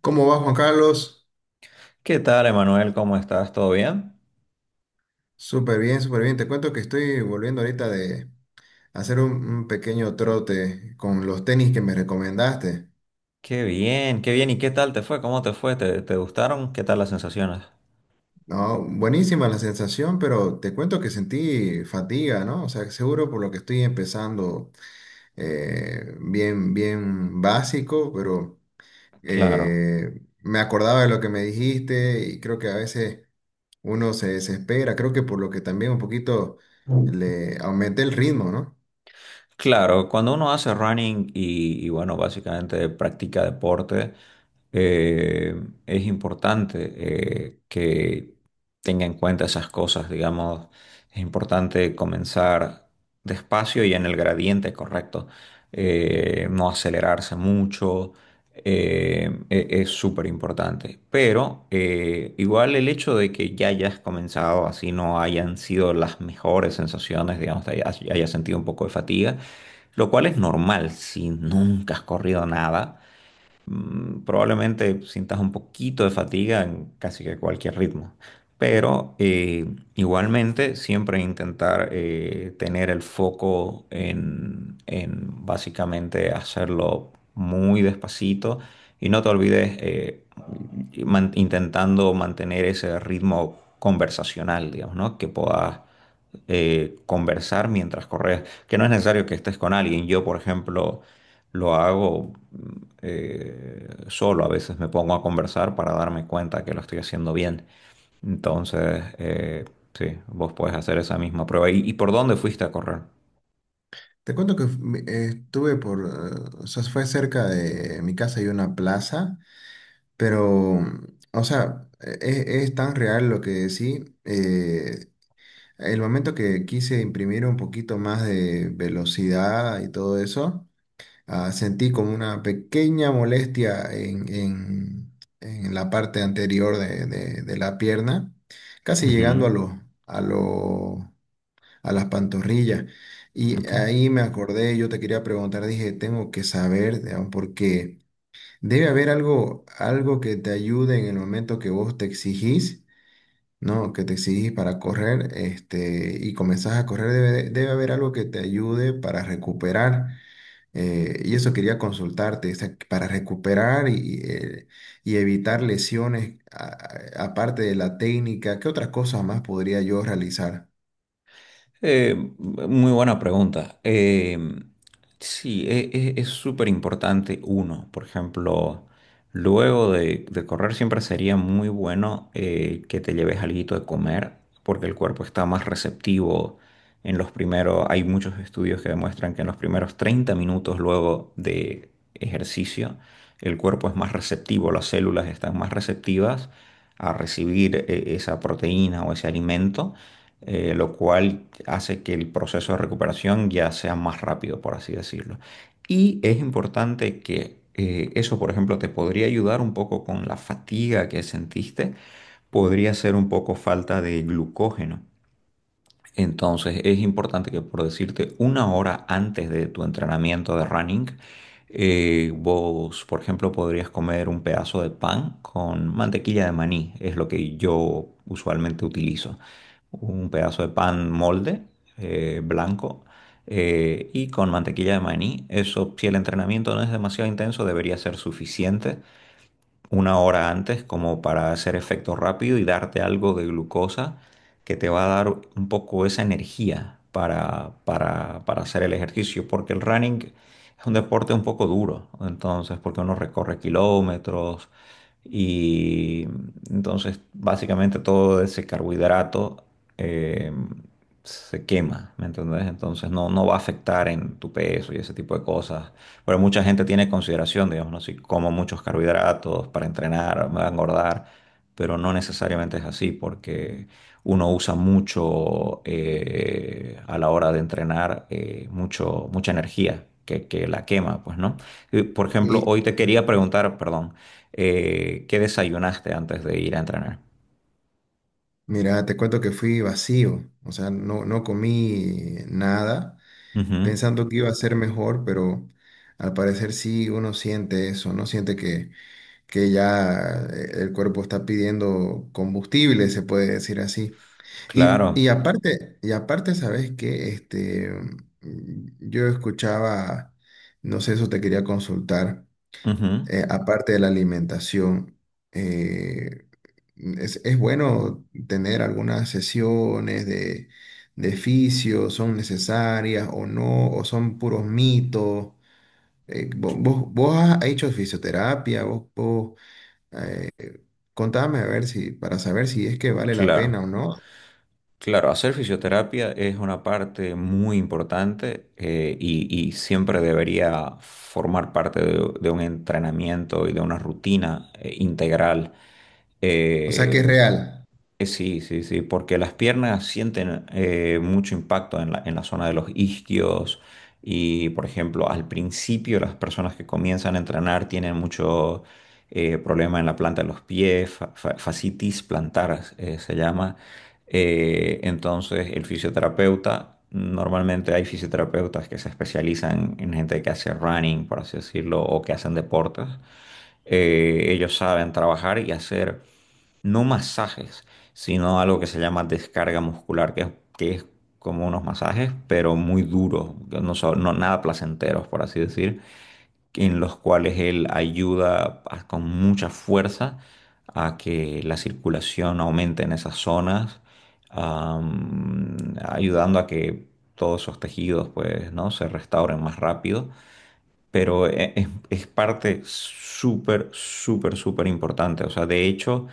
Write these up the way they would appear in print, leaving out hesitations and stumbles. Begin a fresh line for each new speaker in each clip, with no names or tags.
¿Cómo va Juan Carlos?
¿Qué tal, Emanuel? ¿Cómo estás? ¿Todo bien?
Súper bien, súper bien. Te cuento que estoy volviendo ahorita de hacer un pequeño trote con los tenis que me recomendaste.
Qué bien, qué bien. ¿Y qué tal te fue? ¿Cómo te fue? ¿Te gustaron? ¿Qué tal las sensaciones?
No, buenísima la sensación, pero te cuento que sentí fatiga, ¿no? O sea, seguro por lo que estoy empezando bien, bien básico, pero
Claro.
me acordaba de lo que me dijiste y creo que a veces uno se desespera. Creo que por lo que también un poquito le aumenté el ritmo, ¿no?
Claro, cuando uno hace running bueno, básicamente practica deporte, eh, es importante que tenga en cuenta esas cosas, digamos, es importante comenzar despacio y en el gradiente correcto, no acelerarse mucho, es súper importante. Pero igual el hecho de que ya hayas comenzado, así no hayan sido las mejores sensaciones, digamos, hayas sentido un poco de fatiga, lo cual es normal si nunca has corrido nada. Probablemente sientas un poquito de fatiga en casi que cualquier ritmo, pero igualmente siempre intentar tener el foco en básicamente hacerlo muy despacito y no te olvides, intentando mantener ese ritmo conversacional, digamos, ¿no? Que puedas conversar mientras corres, que no es necesario que estés con alguien. Yo, por ejemplo, lo hago solo, a veces me pongo a conversar para darme cuenta que lo estoy haciendo bien. Entonces, sí, vos puedes hacer esa misma prueba. Y por dónde fuiste a correr?
Te cuento que estuve por, o sea, fue cerca de mi casa y una plaza, pero, o sea, es, tan real lo que decí. El momento que quise imprimir un poquito más de velocidad y todo eso, sentí como una pequeña molestia en la parte anterior de la pierna, casi llegando a
Ujú,
los, a las pantorrillas. Y
ok.
ahí me acordé, yo te quería preguntar, dije, tengo que saber, digamos, porque debe haber algo, algo que te ayude en el momento que vos te exigís, ¿no? Que te exigís para correr, este, y comenzás a correr, debe haber algo que te ayude para recuperar. Y eso quería consultarte, o sea, para recuperar y evitar lesiones, aparte de la técnica, ¿qué otras cosas más podría yo realizar?
Muy buena pregunta. Sí, es súper importante uno. Por ejemplo, luego de correr siempre sería muy bueno que te lleves alguito de comer, porque el cuerpo está más receptivo en los primeros, hay muchos estudios que demuestran que en los primeros 30 minutos luego de ejercicio el cuerpo es más receptivo, las células están más receptivas a recibir, esa proteína o ese alimento, lo cual hace que el proceso de recuperación ya sea más rápido, por así decirlo. Y es importante que, eso, por ejemplo, te podría ayudar un poco con la fatiga que sentiste, podría ser un poco falta de glucógeno. Entonces es importante que, por decirte, 1 hora antes de tu entrenamiento de running, vos, por ejemplo, podrías comer un pedazo de pan con mantequilla de maní, es lo que yo usualmente utilizo. Un pedazo de pan molde, blanco, y con mantequilla de maní. Eso, si el entrenamiento no es demasiado intenso, debería ser suficiente 1 hora antes como para hacer efecto rápido y darte algo de glucosa que te va a dar un poco esa energía para hacer el ejercicio, porque el running es un deporte un poco duro, entonces, porque uno recorre kilómetros y entonces básicamente todo ese carbohidrato eh, se quema, ¿me entendés? Entonces no, no va a afectar en tu peso y ese tipo de cosas, pero mucha gente tiene consideración, digamos, ¿no? Si como muchos carbohidratos para entrenar, me va a engordar, pero no necesariamente es así, porque uno usa mucho, a la hora de entrenar, mucha energía que la quema, pues, ¿no? Y, por ejemplo,
Y,
hoy te quería preguntar, perdón, ¿qué desayunaste antes de ir a entrenar?
mira, te cuento que fui vacío, o sea, no comí nada,
Ujú,
pensando que iba a ser mejor, pero al parecer sí uno siente eso, ¿no? Siente que ya el cuerpo está pidiendo combustible, se puede decir así. Y,
claro,
y claro, aparte, y aparte, ¿sabes qué? Este, mm, yo escuchaba, no sé, eso te quería consultar,
ujú,
aparte de la alimentación, eh, es bueno tener algunas sesiones de fisio, son necesarias o no, o son puros mitos. Vos, vos has hecho fisioterapia, eh, contame a ver si, para saber si es que vale la pena
claro.
o no.
Claro, hacer fisioterapia es una parte muy importante, y siempre debería formar parte de un entrenamiento y de una rutina integral.
O sea, que es
Eh,
real.
Sí, sí, sí, porque las piernas sienten mucho impacto en la zona de los isquios, y, por ejemplo, al principio las personas que comienzan a entrenar tienen mucho, problema en la planta de los pies, fascitis plantar se llama, entonces, el fisioterapeuta, normalmente hay fisioterapeutas que se especializan en gente que hace running, por así decirlo, o que hacen deportes. Ellos saben trabajar y hacer, no masajes, sino algo que se llama descarga muscular, que es como unos masajes, pero muy duros, que no son nada placenteros, por así decir, en los cuales él ayuda a- con mucha fuerza a que la circulación aumente en esas zonas, ayudando a que todos esos tejidos, pues, ¿no?, se restauren más rápido. Pero es parte súper importante. O sea, de hecho,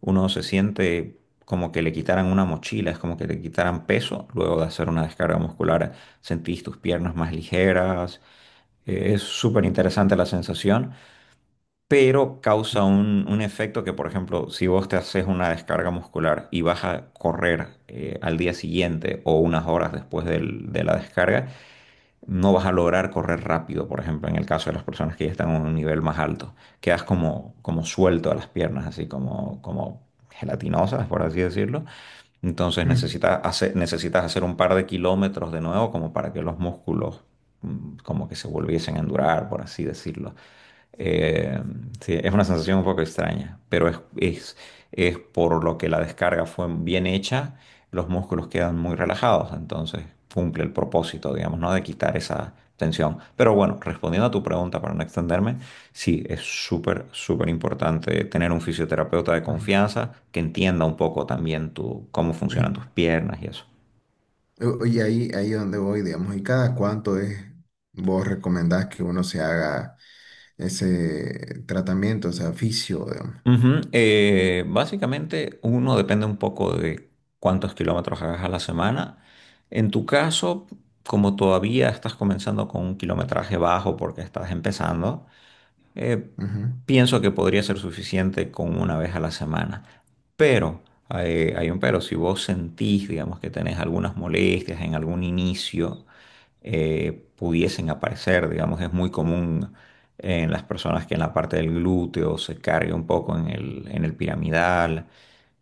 uno se siente como que le quitaran una mochila, es como que le quitaran peso luego de hacer una descarga muscular. Sentís tus piernas más ligeras, es súper interesante la sensación, pero causa un efecto que, por ejemplo, si vos te haces una descarga muscular y vas a correr, al día siguiente o unas horas después de la descarga, no vas a lograr correr rápido, por ejemplo, en el caso de las personas que ya están a un nivel más alto. Quedas como, como suelto a las piernas, así como, como gelatinosas, por así decirlo. Entonces
Mm,
necesitas hacer un par de kilómetros de nuevo como para que los músculos, como que se volviesen a endurar, por así decirlo. Eh, sí, es una sensación un poco extraña, pero es por lo que la descarga fue bien hecha, los músculos quedan muy relajados, entonces cumple el propósito, digamos, ¿no? De quitar esa tensión. Pero bueno, respondiendo a tu pregunta para no extenderme, sí, es súper importante tener un fisioterapeuta de
ujú.
confianza que entienda un poco también tu, cómo
Y,
funcionan tus piernas y eso.
y ahí, ahí donde voy, digamos, ¿y cada cuánto es vos recomendás que uno se haga ese tratamiento, o sea, fisio, digamos?
Ujú, básicamente uno depende un poco de cuántos kilómetros hagas a la semana. En tu caso, como todavía estás comenzando con un kilometraje bajo porque estás empezando, eh,
Ujú.
pienso que podría ser suficiente con 1 vez a la semana. Pero, hay un pero, si vos sentís, digamos, que tenés algunas molestias en algún inicio, pudiesen aparecer, digamos, es muy común en las personas que en la parte del glúteo se cargue un poco en el piramidal,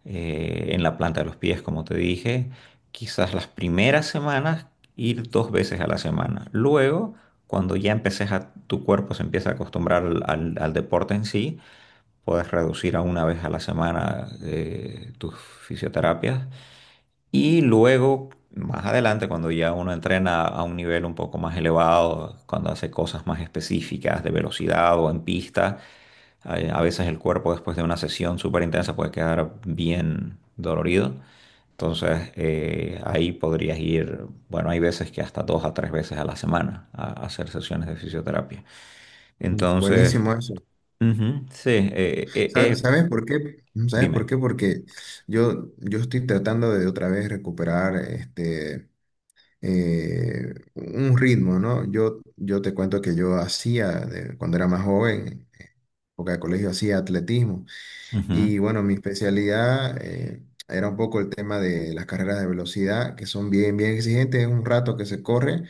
en la planta de los pies, como te dije, quizás las primeras semanas ir 2 veces a la semana. Luego cuando ya empeces a, tu cuerpo se empieza a acostumbrar al deporte en sí, puedes reducir a 1 vez a la semana tus fisioterapias y luego, más adelante, cuando ya uno entrena a un nivel un poco más elevado, cuando hace cosas más específicas de velocidad o en pista, a veces el cuerpo después de una sesión súper intensa puede quedar bien dolorido. Entonces, ahí podrías ir, bueno, hay veces que hasta 2 a 3 veces a la semana a hacer sesiones de fisioterapia.
Mm.
Entonces,
Buenísimo eso.
ujú, sí,
¿Sabes por qué? ¿Sabes
dime.
por qué? Porque yo estoy tratando de otra vez recuperar este, un ritmo, ¿no? Yo te cuento que yo hacía, cuando era más joven, en época de colegio, hacía atletismo. Y
Ujú,
bueno, mi especialidad era un poco el tema de las carreras de velocidad, que son bien, bien exigentes, es un rato que se corre,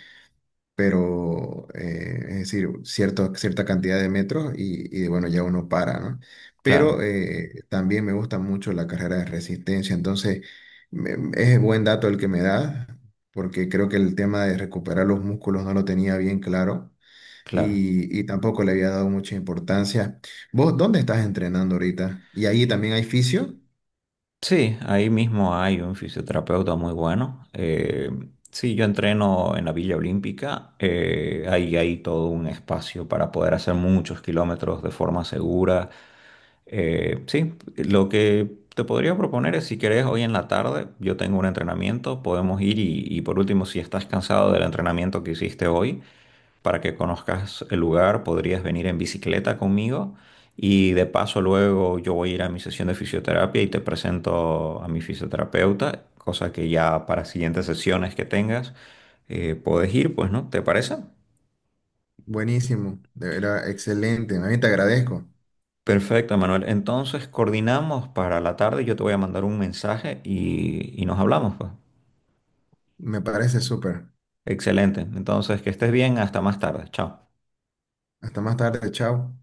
pero es decir, cierto, cierta cantidad de metros y bueno, ya uno para, ¿no?
claro,
Pero también me gusta mucho la carrera de resistencia, entonces es buen dato el que me da, porque creo que el tema de recuperar los músculos no lo tenía bien claro
claro.
y tampoco le había dado mucha importancia. ¿Vos dónde estás entrenando ahorita? ¿Y ahí también hay fisio?
Sí, ahí mismo hay un fisioterapeuta muy bueno. Sí, yo entreno en la Villa Olímpica. Ahí hay todo un espacio para poder hacer muchos kilómetros de forma segura. Sí, lo que te podría proponer es si querés hoy en la tarde, yo tengo un entrenamiento, podemos ir y por último, si estás cansado del entrenamiento que hiciste hoy, para que conozcas el lugar, podrías venir en bicicleta conmigo y de paso luego yo voy a ir a mi sesión de fisioterapia y te presento a mi fisioterapeuta, cosa que ya para siguientes sesiones que tengas puedes ir, pues, ¿no? ¿Te parece?
Buenísimo, de verdad, excelente. A mí te agradezco.
Perfecto, Manuel. Entonces coordinamos para la tarde, yo te voy a mandar un mensaje y nos hablamos, pues.
Me parece súper.
Excelente. Entonces, que estés bien, hasta más tarde. Chao.
Hasta más tarde, chao.